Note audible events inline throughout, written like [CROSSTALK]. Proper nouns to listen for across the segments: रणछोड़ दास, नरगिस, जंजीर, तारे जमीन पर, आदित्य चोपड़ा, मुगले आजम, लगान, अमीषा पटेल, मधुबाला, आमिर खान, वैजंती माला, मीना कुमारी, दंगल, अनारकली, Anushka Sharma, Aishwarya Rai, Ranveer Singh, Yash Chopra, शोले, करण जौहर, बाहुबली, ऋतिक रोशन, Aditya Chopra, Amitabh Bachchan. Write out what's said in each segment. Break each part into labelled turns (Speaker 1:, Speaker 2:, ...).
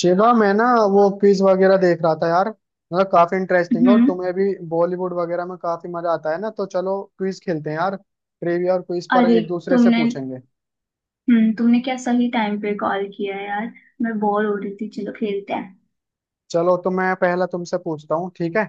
Speaker 1: शिवा मैं ना वो क्विज वगैरह देख रहा था यार। मतलब काफी इंटरेस्टिंग, और
Speaker 2: हम्म।
Speaker 1: तुम्हें भी बॉलीवुड वगैरह में काफी मजा आता है ना। तो चलो क्विज खेलते हैं यार, ट्रिविया और क्विज पर
Speaker 2: अरे,
Speaker 1: एक दूसरे से
Speaker 2: तुमने
Speaker 1: पूछेंगे।
Speaker 2: तुमने क्या सही टाइम पे कॉल किया यार। मैं बोर हो रही थी, चलो खेलते हैं।
Speaker 1: चलो, तो मैं पहला तुमसे पूछता हूँ, ठीक है।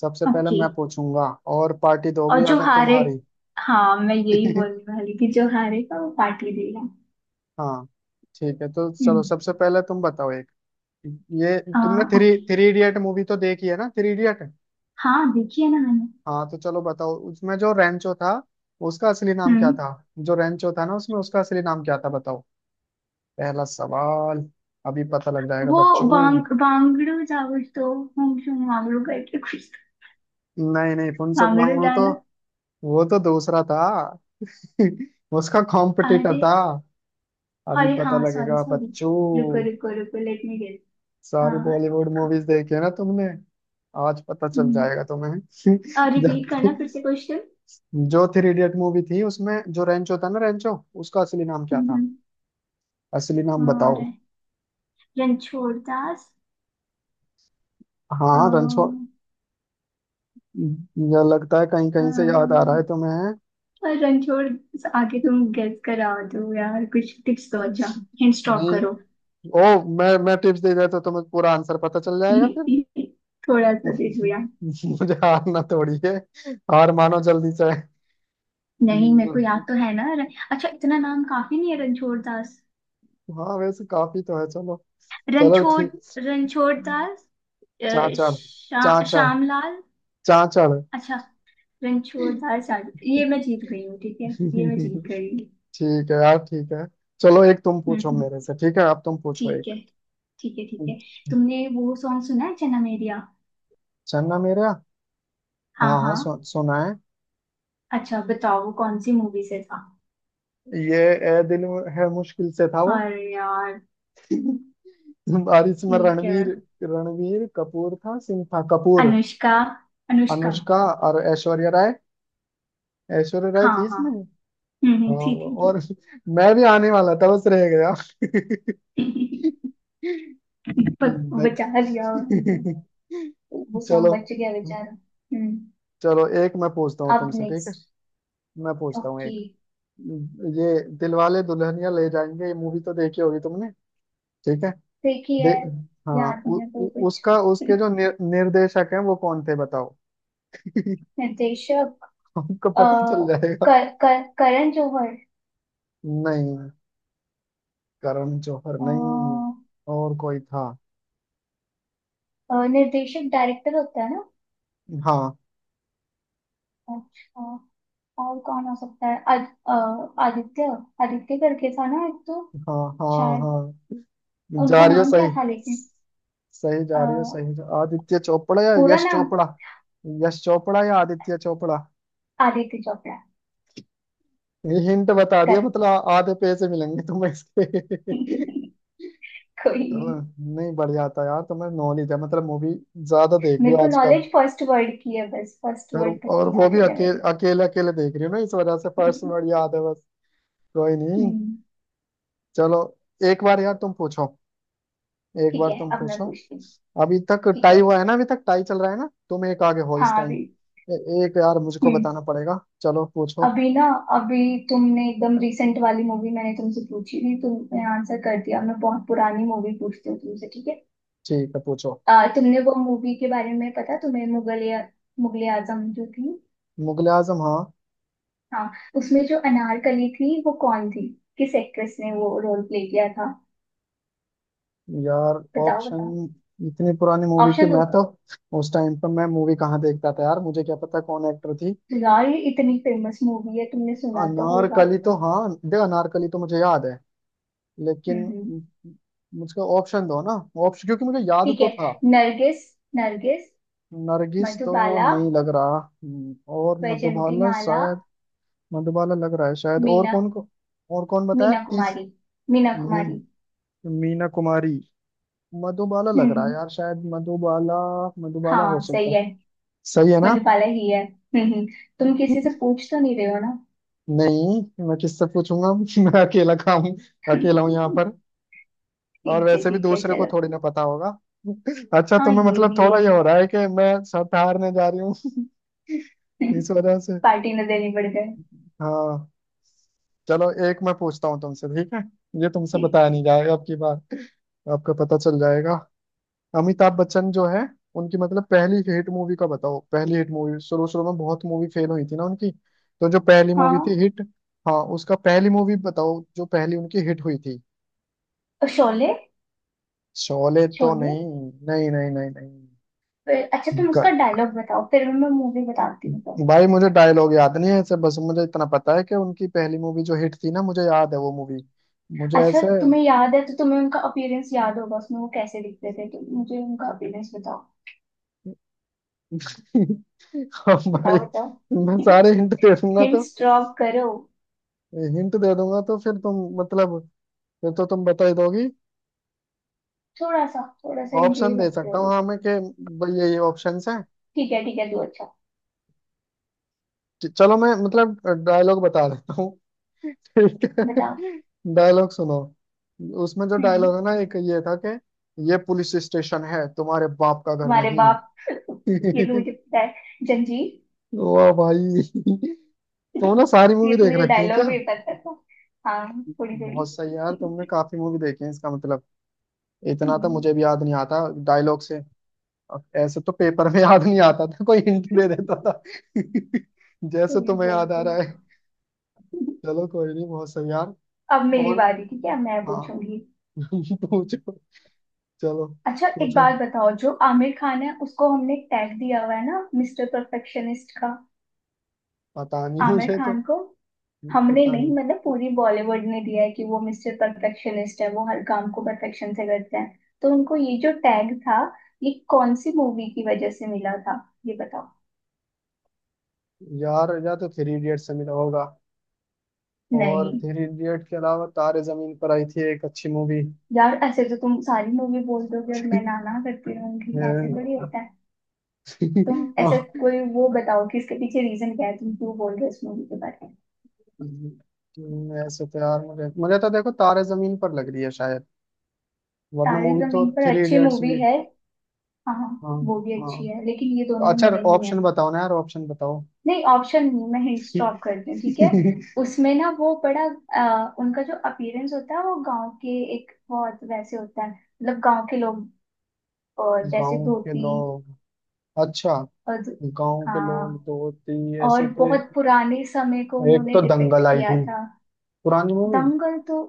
Speaker 1: सबसे पहले
Speaker 2: ओके।
Speaker 1: मैं पूछूंगा, और पार्टी
Speaker 2: और
Speaker 1: दोगी
Speaker 2: जो
Speaker 1: अगर
Speaker 2: हारे।
Speaker 1: तुम्हारी।
Speaker 2: हाँ, मैं यही बोलने
Speaker 1: [LAUGHS]
Speaker 2: वाली थी, जो हारेगा वो पार्टी देगा।
Speaker 1: हाँ, ठीक है। तो चलो
Speaker 2: हम्म।
Speaker 1: सबसे पहले तुम बताओ एक। ये तुमने
Speaker 2: हाँ।
Speaker 1: Three
Speaker 2: okay.
Speaker 1: Three idiot movie तो देखी है ना, थ्री इडियट।
Speaker 2: हाँ, देखिए ना मैंने।
Speaker 1: हाँ तो चलो बताओ, उसमें जो रेंचो था उसका असली नाम क्या
Speaker 2: हम्म।
Speaker 1: था। जो रेंचो था ना उसमें, उसका असली नाम क्या था, बताओ। पहला सवाल। अभी पता लग जाएगा
Speaker 2: वो
Speaker 1: बच्चों।
Speaker 2: वांगड़ू जा कुछ तो। हम जो वांगड़ू करके कुछ तो।
Speaker 1: नहीं नहीं, फुनसुक
Speaker 2: वांगड़ू
Speaker 1: वांगड़ू तो
Speaker 2: जाना।
Speaker 1: वो तो दूसरा था। [LAUGHS] उसका कॉम्पिटिटर
Speaker 2: अरे।
Speaker 1: था। अभी
Speaker 2: अरे
Speaker 1: पता
Speaker 2: हाँ, सॉरी
Speaker 1: लगेगा
Speaker 2: सॉरी। रुको
Speaker 1: बच्चों।
Speaker 2: रुको रुको, लेट मी गेस।
Speaker 1: सारी
Speaker 2: हाँ।
Speaker 1: बॉलीवुड मूवीज देखी है ना तुमने। आज पता चल जाएगा तुम्हें। [LAUGHS] जब
Speaker 2: रिपीट करना फिर से क्वेश्चन।
Speaker 1: जो थ्री इडियट मूवी थी उसमें, जो रेंचो था ना रेंचो, उसका असली नाम क्या था। असली नाम बताओ।
Speaker 2: और रणछोड़ दास।
Speaker 1: हाँ, रणछोड़
Speaker 2: अ,
Speaker 1: या लगता है, कहीं कहीं से याद आ रहा है
Speaker 2: अम,
Speaker 1: तुम्हें।
Speaker 2: रणछोड़। आगे तुम गेस करा दो यार, कुछ टिप्स दो। अच्छा, हिंट स्टॉप
Speaker 1: नहीं।
Speaker 2: करो।
Speaker 1: ओ, मैं टिप्स दे देता तो तुम्हें पूरा आंसर पता चल जाएगा फिर।
Speaker 2: [LAUGHS] थोड़ा सा दे
Speaker 1: [LAUGHS]
Speaker 2: दो यार।
Speaker 1: मुझे हारना थोड़ी है। हार मानो जल्दी से।
Speaker 2: नहीं, मेरे को याद तो है ना। अच्छा, इतना नाम काफी नहीं है? रणछोड़ दास।
Speaker 1: हाँ वैसे काफी तो है, चलो। चलो
Speaker 2: रणछोड़।
Speaker 1: ठीक।
Speaker 2: रणछोड़ दास।
Speaker 1: चाचड़, चाचड़,
Speaker 2: श्यामलाल।
Speaker 1: चाचड़।
Speaker 2: अच्छा। रणछोड़ दास आगे, ये मैं जीत गई हूँ, ठीक है। ये मैं जीत गई हूँ।
Speaker 1: ठीक है यार, ठीक है। चलो एक तुम पूछो
Speaker 2: हम्म।
Speaker 1: मेरे से, ठीक है, अब तुम पूछो
Speaker 2: ठीक
Speaker 1: एक।
Speaker 2: है। ठीक है ठीक है। तुमने वो सॉन्ग सुना है जन्म एरिया?
Speaker 1: चलना मेरा।
Speaker 2: हाँ
Speaker 1: हाँ हाँ,
Speaker 2: हाँ।
Speaker 1: सुना है।
Speaker 2: अच्छा बताओ वो कौन सी मूवी से था।
Speaker 1: ये ए दिल है मुश्किल से था वो।
Speaker 2: अरे यार।
Speaker 1: [LAUGHS] और इसमें
Speaker 2: ठीक है।
Speaker 1: रणवीर, रणवीर कपूर था, सिंह था, कपूर।
Speaker 2: अनुष्का। अनुष्का।
Speaker 1: अनुष्का और ऐश्वर्या राय, ऐश्वर्या राय
Speaker 2: हाँ
Speaker 1: थी
Speaker 2: हाँ।
Speaker 1: इसमें।
Speaker 2: ठीक
Speaker 1: और
Speaker 2: ठीक।
Speaker 1: और मैं भी आने वाला था, बस रह गया।
Speaker 2: ठीक। बचा लिया
Speaker 1: देख।
Speaker 2: उनको। वो
Speaker 1: [LAUGHS]
Speaker 2: सॉन्ग
Speaker 1: चलो।
Speaker 2: बच गया बेचारा। हम्म।
Speaker 1: चलो एक मैं पूछता हूँ
Speaker 2: अब
Speaker 1: तुमसे, ठीक है।
Speaker 2: नेक्स्ट।
Speaker 1: मैं पूछता हूँ
Speaker 2: ओके।
Speaker 1: एक। ये दिलवाले दुल्हनिया ले जाएंगे, ये मूवी तो देखी होगी तुमने। ठीक है दे।
Speaker 2: देखिए।
Speaker 1: हाँ,
Speaker 2: याद नहीं
Speaker 1: उ,
Speaker 2: है कोई
Speaker 1: उ,
Speaker 2: कुछ।
Speaker 1: उसका उसके जो निर्देशक हैं वो कौन थे बताओ।
Speaker 2: निर्देशक।
Speaker 1: हमको
Speaker 2: अ,
Speaker 1: पता चल जाएगा।
Speaker 2: कर, कर, करण जौहर।
Speaker 1: नहीं, करण जौहर नहीं।
Speaker 2: अ,
Speaker 1: और कोई था।
Speaker 2: निर्देशक डायरेक्टर होता है ना।
Speaker 1: हाँ
Speaker 2: अच्छा। और कौन हो सकता है? आदित्य। आदित्य करके था ना एक तो।
Speaker 1: हाँ हाँ।
Speaker 2: शायद।
Speaker 1: हाँ जा
Speaker 2: उनका
Speaker 1: रही हो
Speaker 2: नाम क्या
Speaker 1: सही,
Speaker 2: था लेकिन?
Speaker 1: सही
Speaker 2: अ,
Speaker 1: जा रही हो, सही जा, आदित्य चोपड़ा या
Speaker 2: पूरा
Speaker 1: यश
Speaker 2: नाम।
Speaker 1: चोपड़ा। यश चोपड़ा या आदित्य चोपड़ा।
Speaker 2: आदित्य चोपड़ा।
Speaker 1: ये हिंट बता दिया
Speaker 2: गलत।
Speaker 1: मतलब, आ- आधे पैसे मिलेंगे तुम्हें इसके।
Speaker 2: [LAUGHS] कोई
Speaker 1: चलो,
Speaker 2: नहीं।
Speaker 1: नहीं बढ़िया था यार, तुम्हें नॉलेज है मतलब। मूवी ज्यादा देख रही
Speaker 2: मेरे
Speaker 1: हो
Speaker 2: को
Speaker 1: आजकल।
Speaker 2: नॉलेज फर्स्ट वर्ड की है, बस फर्स्ट
Speaker 1: और
Speaker 2: वर्ड तक
Speaker 1: और
Speaker 2: की
Speaker 1: वो भी
Speaker 2: नॉलेज है
Speaker 1: अकेले
Speaker 2: मेरी।
Speaker 1: अकेले अकेले देख रही हो ना, इस वजह से फर्स्ट
Speaker 2: [LAUGHS]
Speaker 1: वर्ड याद है बस। कोई नहीं।
Speaker 2: हम्म।
Speaker 1: चलो एक बार यार तुम पूछो, एक
Speaker 2: ठीक
Speaker 1: बार
Speaker 2: है।
Speaker 1: तुम
Speaker 2: अब मैं
Speaker 1: पूछो।
Speaker 2: पूछती हूँ,
Speaker 1: अभी तक
Speaker 2: ठीक
Speaker 1: टाई
Speaker 2: है।
Speaker 1: हुआ है ना, अभी तक टाई चल रहा है ना, तुम एक आगे हो इस
Speaker 2: हाँ
Speaker 1: टाइम।
Speaker 2: अभी।
Speaker 1: एक यार मुझको
Speaker 2: हम्म
Speaker 1: बताना पड़ेगा, चलो पूछो।
Speaker 2: अभी ना। अभी। तुमने एकदम रिसेंट वाली मूवी मैंने तुमसे पूछी थी, तुमने आंसर कर दिया, मैं बहुत पुरानी मूवी पूछती हूँ तुमसे, ठीक है।
Speaker 1: ठीक है पूछो।
Speaker 2: तुमने वो मूवी के बारे में पता तुम्हें, मुगल या मुगले आजम जो थी।
Speaker 1: मुगले आजम, हाँ।
Speaker 2: हाँ। उसमें जो अनारकली थी, वो कौन थी? किस एक्ट्रेस ने वो रोल प्ले किया था?
Speaker 1: यार
Speaker 2: बताओ
Speaker 1: ऑप्शन,
Speaker 2: बताओ।
Speaker 1: इतनी पुरानी मूवी की
Speaker 2: ऑप्शन दो
Speaker 1: मैं तो, उस टाइम पर मैं मूवी कहाँ देखता था यार, मुझे क्या पता कौन एक्टर थी।
Speaker 2: यार, ये इतनी फेमस मूवी है, तुमने सुना तो होगा।
Speaker 1: अनारकली तो हाँ दे, अनारकली तो मुझे याद है, लेकिन
Speaker 2: हम्म।
Speaker 1: मुझको ऑप्शन दो ना। ऑप्शन, क्योंकि मुझे याद
Speaker 2: ठीक
Speaker 1: तो
Speaker 2: है।
Speaker 1: था।
Speaker 2: नरगिस। नरगिस।
Speaker 1: नरगिस तो
Speaker 2: मधुबाला।
Speaker 1: नहीं लग रहा। और
Speaker 2: वैजंती
Speaker 1: मधुबाला
Speaker 2: माला।
Speaker 1: शायद। मधुबाला लग रहा है शायद, और
Speaker 2: मीना
Speaker 1: कौन को, और कौन बताया
Speaker 2: मीना
Speaker 1: तीस।
Speaker 2: कुमारी। मीना
Speaker 1: मी
Speaker 2: कुमारी।
Speaker 1: मीना कुमारी। मधुबाला लग रहा है
Speaker 2: हम्म।
Speaker 1: यार, शायद मधुबाला। मधुबाला हो
Speaker 2: हाँ
Speaker 1: सकता
Speaker 2: सही
Speaker 1: है।
Speaker 2: है।
Speaker 1: सही है ना।
Speaker 2: मधुबाला ही है। हम्म। तुम किसी से पूछ तो नहीं रहे हो?
Speaker 1: नहीं, मैं किससे पूछूंगा। [LAUGHS] मैं अकेला काम,
Speaker 2: ना।
Speaker 1: अकेला हूँ यहाँ
Speaker 2: [LAUGHS]
Speaker 1: पर। और वैसे भी
Speaker 2: ठीक है
Speaker 1: दूसरे को
Speaker 2: चलो।
Speaker 1: थोड़ी ना पता होगा। [LAUGHS] अच्छा
Speaker 2: हाँ
Speaker 1: तुम्हें
Speaker 2: ये
Speaker 1: मतलब
Speaker 2: भी है।
Speaker 1: थोड़ा ये हो रहा है कि मैं सब हारने जा रही हूँ।
Speaker 2: [LAUGHS]
Speaker 1: [LAUGHS] इस वजह से।
Speaker 2: पार्टी न देनी पड़ जाए।
Speaker 1: हाँ। चलो एक मैं पूछता हूँ तुमसे, ठीक है। ये तुमसे
Speaker 2: ठीक
Speaker 1: बताया
Speaker 2: है।
Speaker 1: नहीं जाएगा अब की बार। आपका पता चल जाएगा। अमिताभ बच्चन जो है, उनकी मतलब पहली हिट मूवी का बताओ, पहली हिट मूवी। शुरू शुरू में बहुत मूवी फेल हुई थी ना उनकी, तो जो पहली
Speaker 2: हाँ।
Speaker 1: मूवी थी हिट। हाँ, उसका पहली मूवी बताओ, जो पहली उनकी हिट हुई थी।
Speaker 2: और शोले।
Speaker 1: शोले तो
Speaker 2: शोले।
Speaker 1: नहीं। नहीं नहीं नहीं नहीं।
Speaker 2: फिर अच्छा, तुम उसका
Speaker 1: ग-
Speaker 2: डायलॉग बताओ फिर मैं मूवी बताती हूँ तो।
Speaker 1: भाई मुझे डायलॉग याद नहीं है ऐसे, बस मुझे इतना पता है कि उनकी पहली मूवी जो हिट थी ना, मुझे याद है वो मूवी। मुझे
Speaker 2: अच्छा
Speaker 1: ऐसे।
Speaker 2: तुम्हें याद है तो तुम्हें उनका अपीयरेंस याद होगा, उसमें वो कैसे दिखते थे, तो मुझे उनका अपीयरेंस बताओ।
Speaker 1: [LAUGHS] हाँ भाई,
Speaker 2: बताओ
Speaker 1: मैं
Speaker 2: बताओ।
Speaker 1: सारे हिंट दे
Speaker 2: [LAUGHS]
Speaker 1: दूंगा तो।
Speaker 2: हिंट्स ड्रॉप करो।
Speaker 1: हिंट दे दूंगा तो फिर तुम मतलब, फिर तो तुम बता ही दोगी।
Speaker 2: थोड़ा सा हिंट दे
Speaker 1: ऑप्शन दे
Speaker 2: सकते हो
Speaker 1: सकता हूँ हाँ
Speaker 2: देखो।
Speaker 1: मैं कि, भाई ये ऑप्शंस हैं।
Speaker 2: ठीक है तो। अच्छा
Speaker 1: चलो मैं मतलब डायलॉग बता देता हूँ। ठीक
Speaker 2: बताओ।
Speaker 1: है डायलॉग सुनो। उसमें जो
Speaker 2: हम्म।
Speaker 1: डायलॉग है ना एक ये था कि, ये पुलिस स्टेशन है, तुम्हारे बाप का घर
Speaker 2: तुम्हारे बाप। [LAUGHS] ये तो
Speaker 1: नहीं।
Speaker 2: मुझे
Speaker 1: [LAUGHS]
Speaker 2: पता है, जंजीर।
Speaker 1: वाह भाई।
Speaker 2: [LAUGHS]
Speaker 1: तुम ना सारी
Speaker 2: ये
Speaker 1: मूवी
Speaker 2: तो
Speaker 1: देख
Speaker 2: मुझे
Speaker 1: रखी है
Speaker 2: डायलॉग
Speaker 1: क्या।
Speaker 2: भी पता था। हाँ। थोड़ी थोड़ी।
Speaker 1: बहुत सही यार, तुमने काफी मूवी देखी है इसका मतलब। इतना तो
Speaker 2: हम्म,
Speaker 1: मुझे भी याद नहीं आता डायलॉग से। अब ऐसे तो पेपर में याद नहीं आता था, कोई हिंट दे देता था। [LAUGHS] जैसे
Speaker 2: थोड़ी
Speaker 1: तुम्हें
Speaker 2: बहुत
Speaker 1: याद आ रहा
Speaker 2: थोड़ी।
Speaker 1: है। चलो कोई नहीं, बहुत सही यार।
Speaker 2: अब मेरी
Speaker 1: और
Speaker 2: बारी, ठीक है, मैं
Speaker 1: हाँ।
Speaker 2: पूछूंगी।
Speaker 1: [LAUGHS] पूछो, चलो
Speaker 2: अच्छा एक
Speaker 1: पूछो।
Speaker 2: बात बताओ, जो आमिर खान है उसको हमने टैग दिया हुआ है ना मिस्टर परफेक्शनिस्ट का।
Speaker 1: पता नहीं
Speaker 2: आमिर
Speaker 1: मुझे तो।
Speaker 2: खान को। हमने
Speaker 1: पता
Speaker 2: नहीं
Speaker 1: नहीं
Speaker 2: मतलब पूरी बॉलीवुड ने दिया है कि वो मिस्टर परफेक्शनिस्ट है, वो हर काम को परफेक्शन से करते हैं, तो उनको ये जो टैग था, ये कौन सी मूवी की वजह से मिला था, ये बताओ।
Speaker 1: यार, या तो थ्री इडियट से मिला होगा, और
Speaker 2: नहीं।
Speaker 1: थ्री इडियट के अलावा तारे जमीन पर आई थी एक अच्छी मूवी।
Speaker 2: यार ऐसे तो तुम सारी मूवी बोल दोगे और मैं ना
Speaker 1: [LAUGHS]
Speaker 2: ना करती रहूंगी, ऐसे थोड़ी होता है। तुम ऐसे कोई वो बताओ कि इसके पीछे रीजन क्या है, तुम क्यों बोल रहे हो इस मूवी के बारे में।
Speaker 1: ऐसे तो यार मुझे मुझे तो देखो तारे जमीन पर लग रही है शायद, वरना
Speaker 2: तारे
Speaker 1: मूवी तो
Speaker 2: जमीन पर
Speaker 1: थ्री
Speaker 2: अच्छी
Speaker 1: इडियट्स भी।
Speaker 2: मूवी है। हाँ हाँ,
Speaker 1: हाँ
Speaker 2: वो भी अच्छी है
Speaker 1: हाँ।
Speaker 2: लेकिन ये दोनों
Speaker 1: अच्छा
Speaker 2: ही नहीं
Speaker 1: ऑप्शन
Speaker 2: है।
Speaker 1: बताओ ना यार, ऑप्शन बताओ।
Speaker 2: नहीं ऑप्शन नहीं, मैं हिंट स्टॉप
Speaker 1: [LAUGHS]
Speaker 2: करती हूँ, ठीक है। उसमें ना वो बड़ा। उनका जो अपीयरेंस होता है वो गांव के एक बहुत वैसे होता है, मतलब गांव के लोग। जैसे
Speaker 1: गांव के
Speaker 2: धोती।
Speaker 1: लोग, अच्छा।
Speaker 2: और।
Speaker 1: गांव के लोग
Speaker 2: हाँ।
Speaker 1: दो तीन
Speaker 2: और
Speaker 1: ऐसे तो।
Speaker 2: बहुत पुराने समय को
Speaker 1: एक
Speaker 2: उन्होंने
Speaker 1: तो
Speaker 2: डिपिक्ट
Speaker 1: दंगल आई
Speaker 2: किया
Speaker 1: थी,
Speaker 2: था।
Speaker 1: पुरानी मूवी।
Speaker 2: दंगल तो।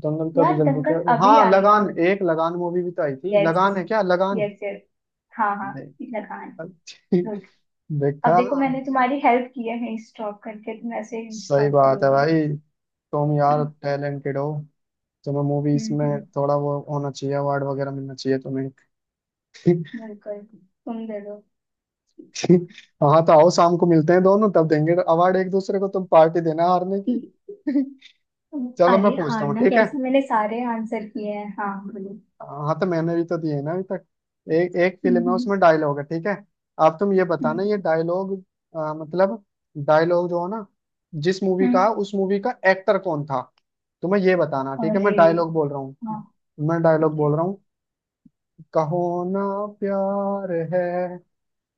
Speaker 1: दंगल का भी
Speaker 2: यार
Speaker 1: जल्दी क्या,
Speaker 2: दंगल अभी
Speaker 1: हाँ
Speaker 2: आई
Speaker 1: लगान,
Speaker 2: थी।
Speaker 1: एक लगान मूवी भी तो आई थी,
Speaker 2: यस।
Speaker 1: लगान है क्या, लगान।
Speaker 2: Yes yes. हाँ हाँ।
Speaker 1: देखा।
Speaker 2: लगान। गुड।
Speaker 1: [LAUGHS]
Speaker 2: अब
Speaker 1: देखा।
Speaker 2: देखो मैंने तुम्हारी हेल्प की है स्टॉप करके, तुम ऐसे ही
Speaker 1: सही
Speaker 2: स्टॉप
Speaker 1: बात है
Speaker 2: करोगे।
Speaker 1: भाई। तुम यार
Speaker 2: हम्म
Speaker 1: टैलेंटेड हो, तुम्हें मूवीज में
Speaker 2: हम्म।
Speaker 1: थोड़ा वो होना चाहिए, अवार्ड वगैरह मिलना चाहिए तुम्हें।
Speaker 2: बिल्कुल। तुम दे दो।
Speaker 1: [LAUGHS] हाँ तो आओ शाम को मिलते हैं दोनों, तब देंगे अवार्ड एक दूसरे को, तुम पार्टी देना हारने की। [LAUGHS] चलो मैं
Speaker 2: अरे
Speaker 1: पूछता हूँ,
Speaker 2: हारना
Speaker 1: ठीक है।
Speaker 2: कैसे, मैंने सारे आंसर किए हैं। हाँ बोलो।
Speaker 1: हाँ तो मैंने भी तो दिए ना अभी तक। एक, एक फिल्म है
Speaker 2: हम्म।
Speaker 1: उसमें डायलॉग है ठीक है। आप, तुम ये बताना
Speaker 2: हम्म
Speaker 1: ये डायलॉग। मतलब, डायलॉग जो है ना, जिस मूवी का,
Speaker 2: हम्म।
Speaker 1: उस मूवी का एक्टर कौन था। तुम्हें ये बताना, ठीक है
Speaker 2: अरे।
Speaker 1: मैं डायलॉग बोल रहा हूँ।
Speaker 2: हाँ।
Speaker 1: मैं डायलॉग
Speaker 2: ठीक है।
Speaker 1: बोल रहा हूँ। कहो ना प्यार है,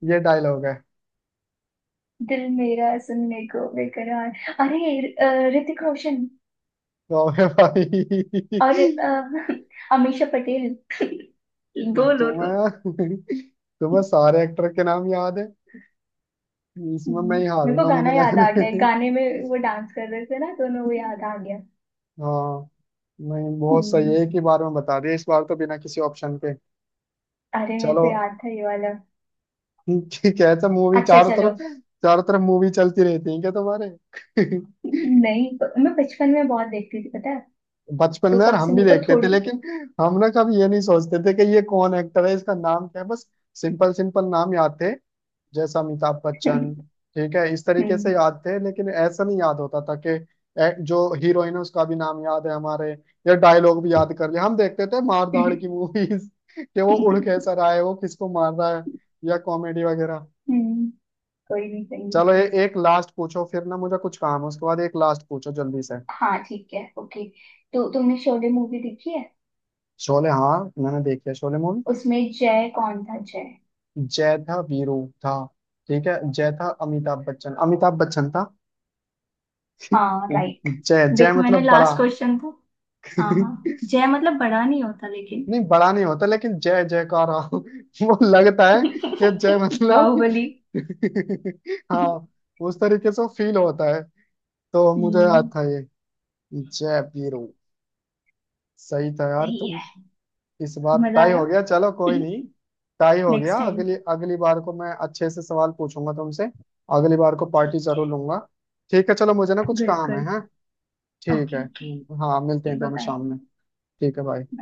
Speaker 1: ये डायलॉग है।
Speaker 2: दिल मेरा सुनने को बेकरार। अरे, ऋतिक रोशन।
Speaker 1: तो भाई।
Speaker 2: और
Speaker 1: [LAUGHS]
Speaker 2: [LAUGHS] अमीषा पटेल। [LAUGHS] बोलो तुम।
Speaker 1: तुम्हें, तुम्हें सारे एक्टर के नाम याद है। इसमें मैं ही
Speaker 2: मेरे को
Speaker 1: हारूंगा मुझे
Speaker 2: गाना
Speaker 1: लग
Speaker 2: याद आ
Speaker 1: रहा
Speaker 2: गया है।
Speaker 1: है।
Speaker 2: गाने में वो डांस कर रहे थे ना दोनों, वो याद आ गया।
Speaker 1: हाँ। नहीं बहुत सही है,
Speaker 2: हम्म।
Speaker 1: एक ही बार में बता दिया इस बार तो, बिना किसी ऑप्शन के।
Speaker 2: अरे मेरे
Speaker 1: चलो
Speaker 2: को याद था ये वाला।
Speaker 1: ठीक है। ऐसा मूवी
Speaker 2: अच्छा
Speaker 1: चारों
Speaker 2: चलो।
Speaker 1: तरफ, चारों तरफ मूवी चलती रहती है क्या तुम्हारे।
Speaker 2: नहीं। मैं बचपन में बहुत देखती थी पता है।
Speaker 1: बचपन
Speaker 2: तो
Speaker 1: में यार
Speaker 2: तब से
Speaker 1: हम भी
Speaker 2: मेरे को
Speaker 1: देखते थे
Speaker 2: थोड़ी।
Speaker 1: लेकिन, हम ना कभी ये नहीं सोचते थे कि ये कौन एक्टर है, इसका नाम क्या है बस। सिंपल सिंपल नाम याद थे, जैसे अमिताभ
Speaker 2: [LAUGHS]
Speaker 1: बच्चन, ठीक है इस तरीके से
Speaker 2: हम्म
Speaker 1: याद थे। लेकिन ऐसा नहीं याद होता था कि, जो हीरोइन है उसका भी नाम याद है हमारे, या डायलॉग भी याद कर लिया। हम देखते थे मार धाड़ की मूवीज। [LAUGHS] कि वो उड़ कैसा रहा है, वो किसको मार रहा है, या कॉमेडी वगैरह।
Speaker 2: हम्म। कोई नहीं कोई नहीं।
Speaker 1: चलो ये एक लास्ट पूछो फिर ना, मुझे कुछ काम है उसके बाद, एक लास्ट पूछो जल्दी से।
Speaker 2: हाँ ठीक है ओके। तो तुमने शोले मूवी देखी है?
Speaker 1: शोले हाँ, मैंने देखी है शोले।
Speaker 2: उसमें जय कौन था, जय?
Speaker 1: जय था, वीरू था। ठीक है, जय था अमिताभ बच्चन, अमिताभ बच्चन था। [LAUGHS]
Speaker 2: हाँ राइट।
Speaker 1: जय, जय
Speaker 2: देखो मैंने
Speaker 1: मतलब बड़ा।
Speaker 2: लास्ट क्वेश्चन था। हाँ हाँ,
Speaker 1: [LAUGHS]
Speaker 2: जय मतलब बड़ा नहीं होता लेकिन।
Speaker 1: नहीं बड़ा नहीं होता लेकिन, जय जयकार [LAUGHS] वो लगता है कि जय
Speaker 2: [LAUGHS]
Speaker 1: मतलब।
Speaker 2: बाहुबली।
Speaker 1: [LAUGHS] हाँ उस तरीके से फील होता है। तो मुझे याद
Speaker 2: हम्म।
Speaker 1: था ये, जय वीरू। सही था यार
Speaker 2: सही
Speaker 1: तुम।
Speaker 2: है।
Speaker 1: इस बार
Speaker 2: मजा
Speaker 1: टाई
Speaker 2: आया।
Speaker 1: हो गया, चलो कोई
Speaker 2: [LAUGHS]
Speaker 1: नहीं। टाई हो गया,
Speaker 2: नेक्स्ट टाइम।
Speaker 1: अगली अगली बार को मैं अच्छे से सवाल पूछूंगा तुमसे। अगली बार को पार्टी
Speaker 2: ठीक है।
Speaker 1: जरूर लूंगा। ठीक है चलो मुझे ना कुछ काम है,
Speaker 2: बिल्कुल।
Speaker 1: है? ठीक
Speaker 2: ओके
Speaker 1: है।
Speaker 2: ओके।
Speaker 1: हाँ मिलते हैं
Speaker 2: बाय
Speaker 1: दोनों
Speaker 2: बाय।
Speaker 1: शाम में। ठीक है भाई।